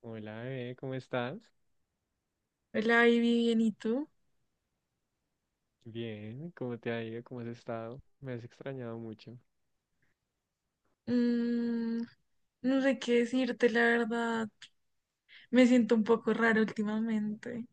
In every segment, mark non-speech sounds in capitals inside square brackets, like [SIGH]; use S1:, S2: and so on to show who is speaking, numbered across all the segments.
S1: Hola, bebé, ¿cómo estás?
S2: Hola, Ivy, bien, ¿y tú?
S1: Bien, ¿cómo te ha ido? ¿Cómo has estado? Me has extrañado mucho.
S2: Mm, no sé qué decirte, la verdad. Me siento un poco raro últimamente.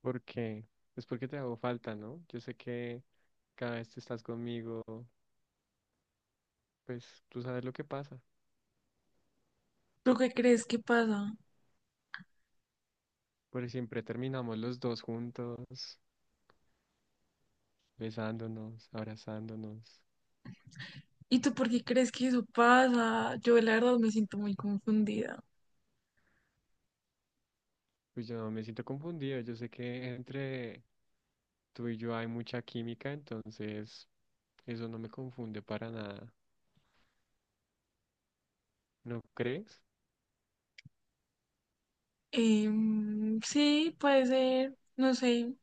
S1: ¿Por qué? Es porque te hago falta, ¿no? Yo sé que cada vez que estás conmigo, pues tú sabes lo que pasa.
S2: ¿Tú qué crees que pasa?
S1: Porque siempre terminamos los dos juntos, besándonos, abrazándonos.
S2: ¿Y tú por qué crees que eso pasa? Yo, la verdad, me siento muy confundida.
S1: Pues yo me siento confundido. Yo sé que entre tú y yo hay mucha química, entonces eso no me confunde para nada. ¿No crees?
S2: Sí, puede ser, no sé.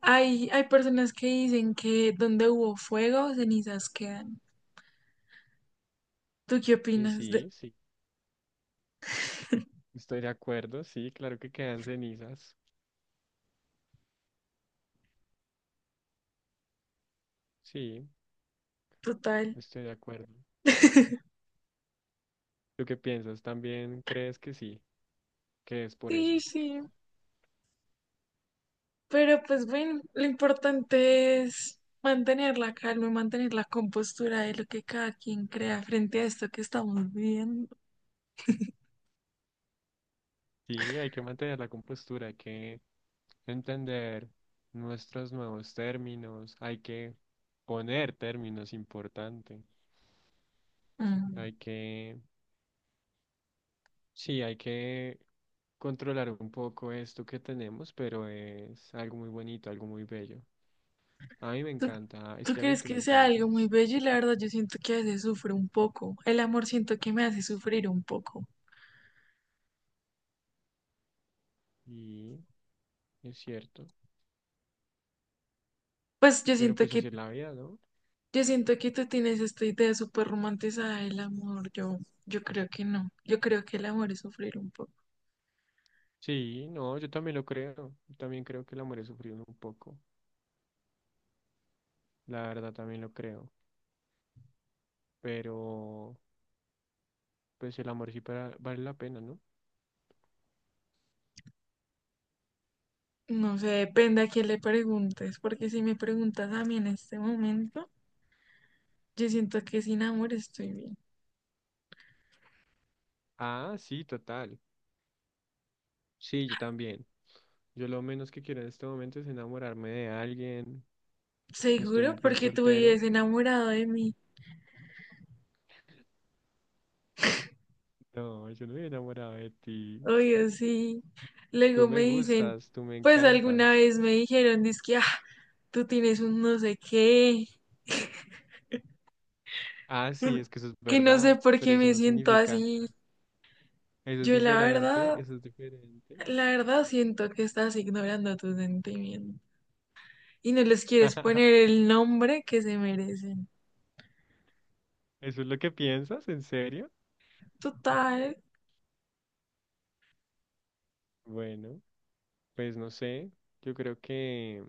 S2: Hay personas que dicen que donde hubo fuego, cenizas quedan. ¿Tú qué
S1: Y
S2: opinas de
S1: sí, sí, estoy de acuerdo, sí, claro que quedan cenizas. Sí,
S2: total?
S1: estoy de acuerdo.
S2: [LAUGHS]
S1: ¿Tú qué piensas? ¿También crees que sí? ¿Que es por eso?
S2: Sí, sí. Pero pues bueno, lo importante es mantener la calma, y mantener la compostura de lo que cada quien crea frente a esto que estamos viviendo.
S1: Sí, hay que mantener la compostura, hay que entender nuestros nuevos términos, hay que poner términos importantes,
S2: Mm.
S1: hay que, sí, hay que controlar un poco esto que tenemos, pero es algo muy bonito, algo muy bello. A mí me
S2: ¿Tú,
S1: encanta, es
S2: tú
S1: que a mí
S2: crees
S1: tú me
S2: que sea algo muy
S1: encantas,
S2: bello? Y la verdad yo siento que a veces sufro un poco. El amor siento que me hace sufrir un poco.
S1: y es cierto,
S2: Pues yo
S1: pero
S2: siento
S1: pues así
S2: que,
S1: es la vida, ¿no?
S2: yo siento que tú tienes esta idea súper romantizada del amor. Yo creo que no. Yo creo que el amor es sufrir un poco.
S1: Sí, no, yo también lo creo. Yo también creo que el amor es sufrir un poco. La verdad también lo creo. Pero, pues el amor vale la pena, ¿no?
S2: No sé, depende a quién le preguntes, porque si me preguntas a mí en este momento. Yo siento que sin amor estoy bien.
S1: Ah, sí, total. Sí, yo también. Yo lo menos que quiero en este momento es enamorarme de alguien. Estoy
S2: Seguro
S1: muy bien
S2: porque tú
S1: soltero.
S2: vives enamorado de mí.
S1: No, yo no me he enamorado de ti.
S2: Obvio, sí.
S1: Tú
S2: Luego me
S1: me
S2: dicen,
S1: gustas, tú me
S2: pues alguna
S1: encantas.
S2: vez me dijeron, dizque, ah, tú tienes un no sé qué,
S1: Ah,
S2: que
S1: sí, es que eso es
S2: que no sé
S1: verdad.
S2: por
S1: Pero
S2: qué
S1: eso
S2: me
S1: no
S2: siento
S1: significa.
S2: así.
S1: Eso es
S2: Yo la
S1: diferente,
S2: verdad,
S1: eso es diferente.
S2: la verdad siento que estás ignorando tus sentimientos y no les quieres poner
S1: [LAUGHS]
S2: el nombre que se merecen.
S1: ¿Eso es lo que piensas? ¿En serio?
S2: Total.
S1: Bueno. Pues no sé, yo creo que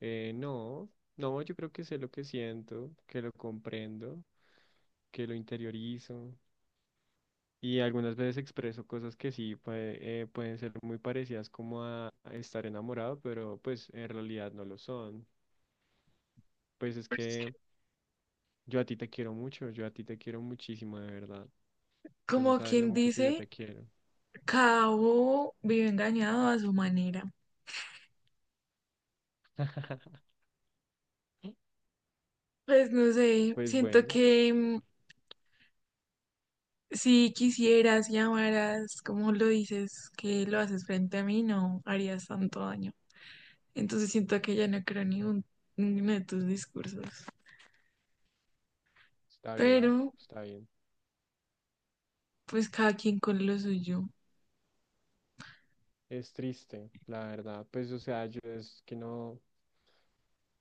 S1: no, no, yo creo que sé lo que siento, que lo comprendo, que lo interiorizo y algunas veces expreso cosas que pueden ser muy parecidas como a estar enamorado, pero pues en realidad no lo son. Pues es
S2: Pues
S1: que yo a ti te quiero mucho, yo a ti te quiero muchísimo, de verdad. Tú no
S2: como
S1: sabes lo
S2: quien
S1: mucho que yo
S2: dice,
S1: te quiero.
S2: cada bobo vive engañado a su manera.
S1: [LAUGHS]
S2: Pues no sé,
S1: Pues
S2: siento
S1: bueno,
S2: que si quisieras y amaras, como lo dices, que lo haces frente a mí, no harías tanto daño. Entonces siento que ya no creo en ninguno de tus discursos.
S1: está bien,
S2: Pero,
S1: está bien.
S2: pues cada quien con lo suyo.
S1: Es triste, la verdad. Pues o sea, yo es que no.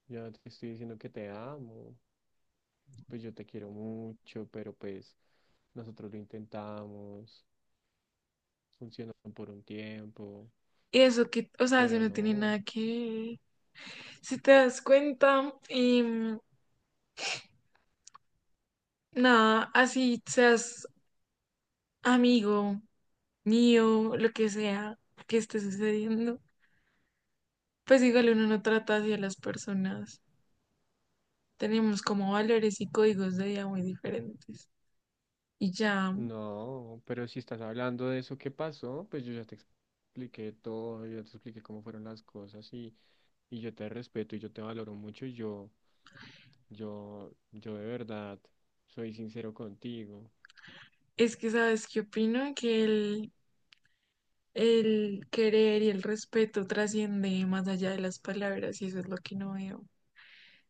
S1: Ya te estoy diciendo que te amo, pues yo te quiero mucho, pero pues nosotros lo intentamos, funcionó por un tiempo,
S2: Y eso que, o sea, eso
S1: pero
S2: no tiene
S1: no,
S2: nada que... Si te das cuenta, y nada, así seas amigo mío, lo que sea que esté sucediendo, pues igual uno no trata así a las personas. Tenemos como valores y códigos de vida muy diferentes. Y ya,
S1: no, pero si estás hablando de eso que pasó, pues yo ya te expliqué todo, yo ya te expliqué cómo fueron las cosas y yo te respeto y yo te valoro mucho y yo de verdad soy sincero contigo.
S2: es que sabes qué opino, el querer y el respeto trasciende más allá de las palabras y eso es lo que no veo.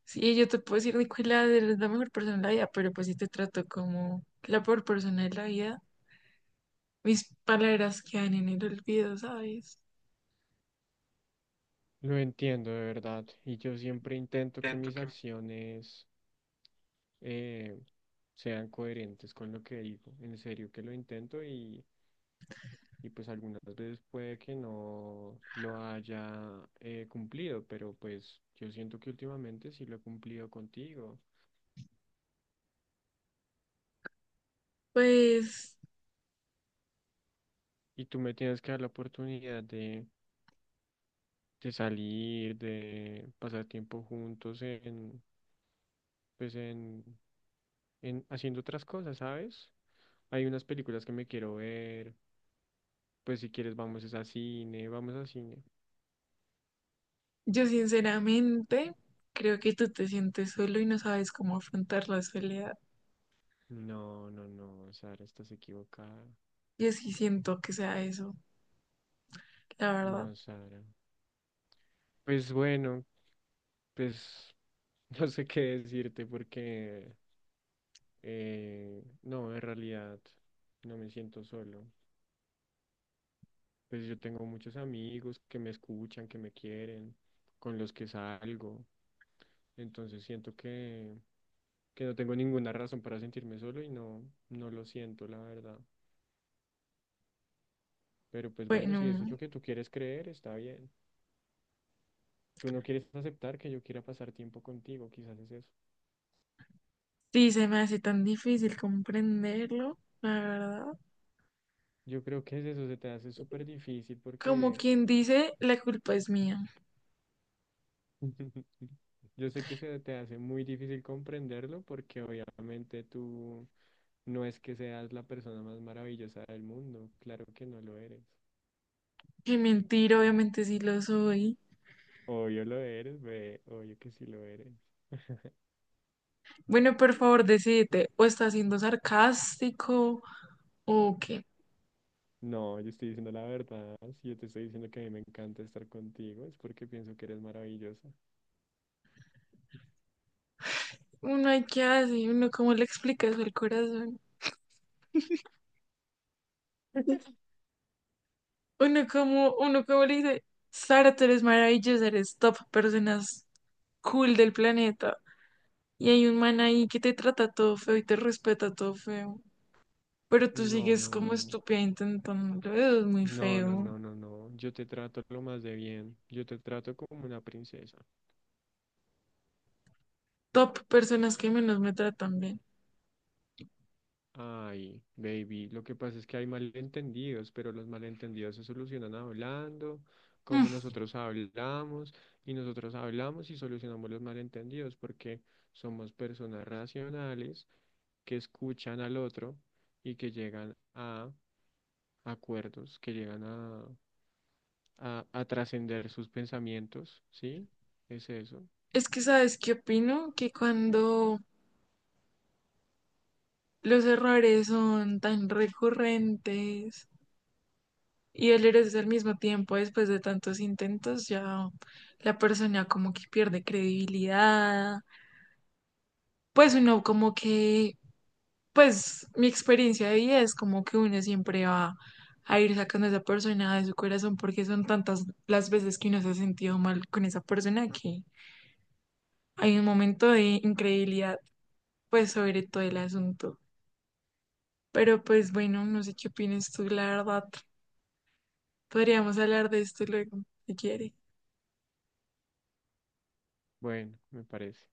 S2: Sí, yo te puedo decir, Nicolás, eres la mejor persona de la vida, pero pues si te trato como la peor persona de la vida, mis palabras quedan en el olvido, ¿sabes?
S1: Lo entiendo de verdad y yo siempre intento que mis acciones eh, sean coherentes con lo que digo. En serio que lo intento y pues algunas veces puede que no lo haya cumplido, pero pues yo siento que últimamente sí lo he cumplido contigo.
S2: Pues
S1: Y tú me tienes que dar la oportunidad de salir, de pasar tiempo juntos en, pues en haciendo otras cosas, ¿sabes? Hay unas películas que me quiero ver. Pues si quieres vamos es a cine, vamos a cine.
S2: yo sinceramente creo que tú te sientes solo y no sabes cómo afrontar la soledad.
S1: No, no, no, Sara, estás equivocada.
S2: Yo sí siento que sea eso, la verdad.
S1: No, Sara. Pues bueno, pues [LAUGHS] no sé qué decirte porque no, en realidad no me siento solo. Pues yo tengo muchos amigos que me escuchan, que me quieren, con los que salgo. Entonces siento que no tengo ninguna razón para sentirme solo y no, no lo siento, la verdad. Pero pues bueno, si eso es
S2: Bueno,
S1: lo que tú quieres creer, está bien. Tú no quieres aceptar que yo quiera pasar tiempo contigo, quizás es eso.
S2: sí, se me hace tan difícil comprenderlo, la verdad.
S1: Yo creo que es eso, se te hace súper difícil
S2: Como
S1: porque
S2: quien dice, la culpa es mía.
S1: [LAUGHS] yo sé que se te hace muy difícil comprenderlo porque obviamente tú no es que seas la persona más maravillosa del mundo, claro que no lo eres.
S2: Qué mentira, obviamente sí lo soy.
S1: Obvio lo eres, ve, obvio que sí lo eres.
S2: Bueno, por favor, decídete, o está siendo sarcástico, o qué.
S1: No, yo estoy diciendo la verdad, si yo te estoy diciendo que a mí me encanta estar contigo es porque pienso que eres maravillosa.
S2: Uno hay que hacer, uno cómo le explica eso al corazón. Uno como le dice, Sara, tú eres maravillosa, eres top, personas cool del planeta. Y hay un man ahí que te trata todo feo y te respeta todo feo. Pero tú
S1: No,
S2: sigues
S1: no,
S2: como
S1: no.
S2: estúpida intentándolo. Eso es muy
S1: No, no,
S2: feo.
S1: no, no, no. Yo te trato lo más de bien. Yo te trato como una princesa.
S2: Top personas que menos me tratan bien.
S1: Ay, baby. Lo que pasa es que hay malentendidos, pero los malentendidos se solucionan hablando,
S2: Mm,
S1: como nosotros hablamos y solucionamos los malentendidos, porque somos personas racionales que escuchan al otro y que llegan a acuerdos, que llegan a, a, trascender sus pensamientos, ¿sí? Es eso.
S2: Es que, ¿sabes qué opino? Que cuando los errores son tan recurrentes y el eres al mismo tiempo después de tantos intentos, ya la persona como que pierde credibilidad. Pues uno como que Pues mi experiencia de vida es como que uno siempre va a ir sacando a esa persona de su corazón porque son tantas las veces que uno se ha sentido mal con esa persona que hay un momento de incredulidad, pues sobre todo el asunto. Pero pues bueno, no sé qué opinas tú, la verdad. Podríamos hablar de esto luego, si quieres.
S1: Bueno, me parece.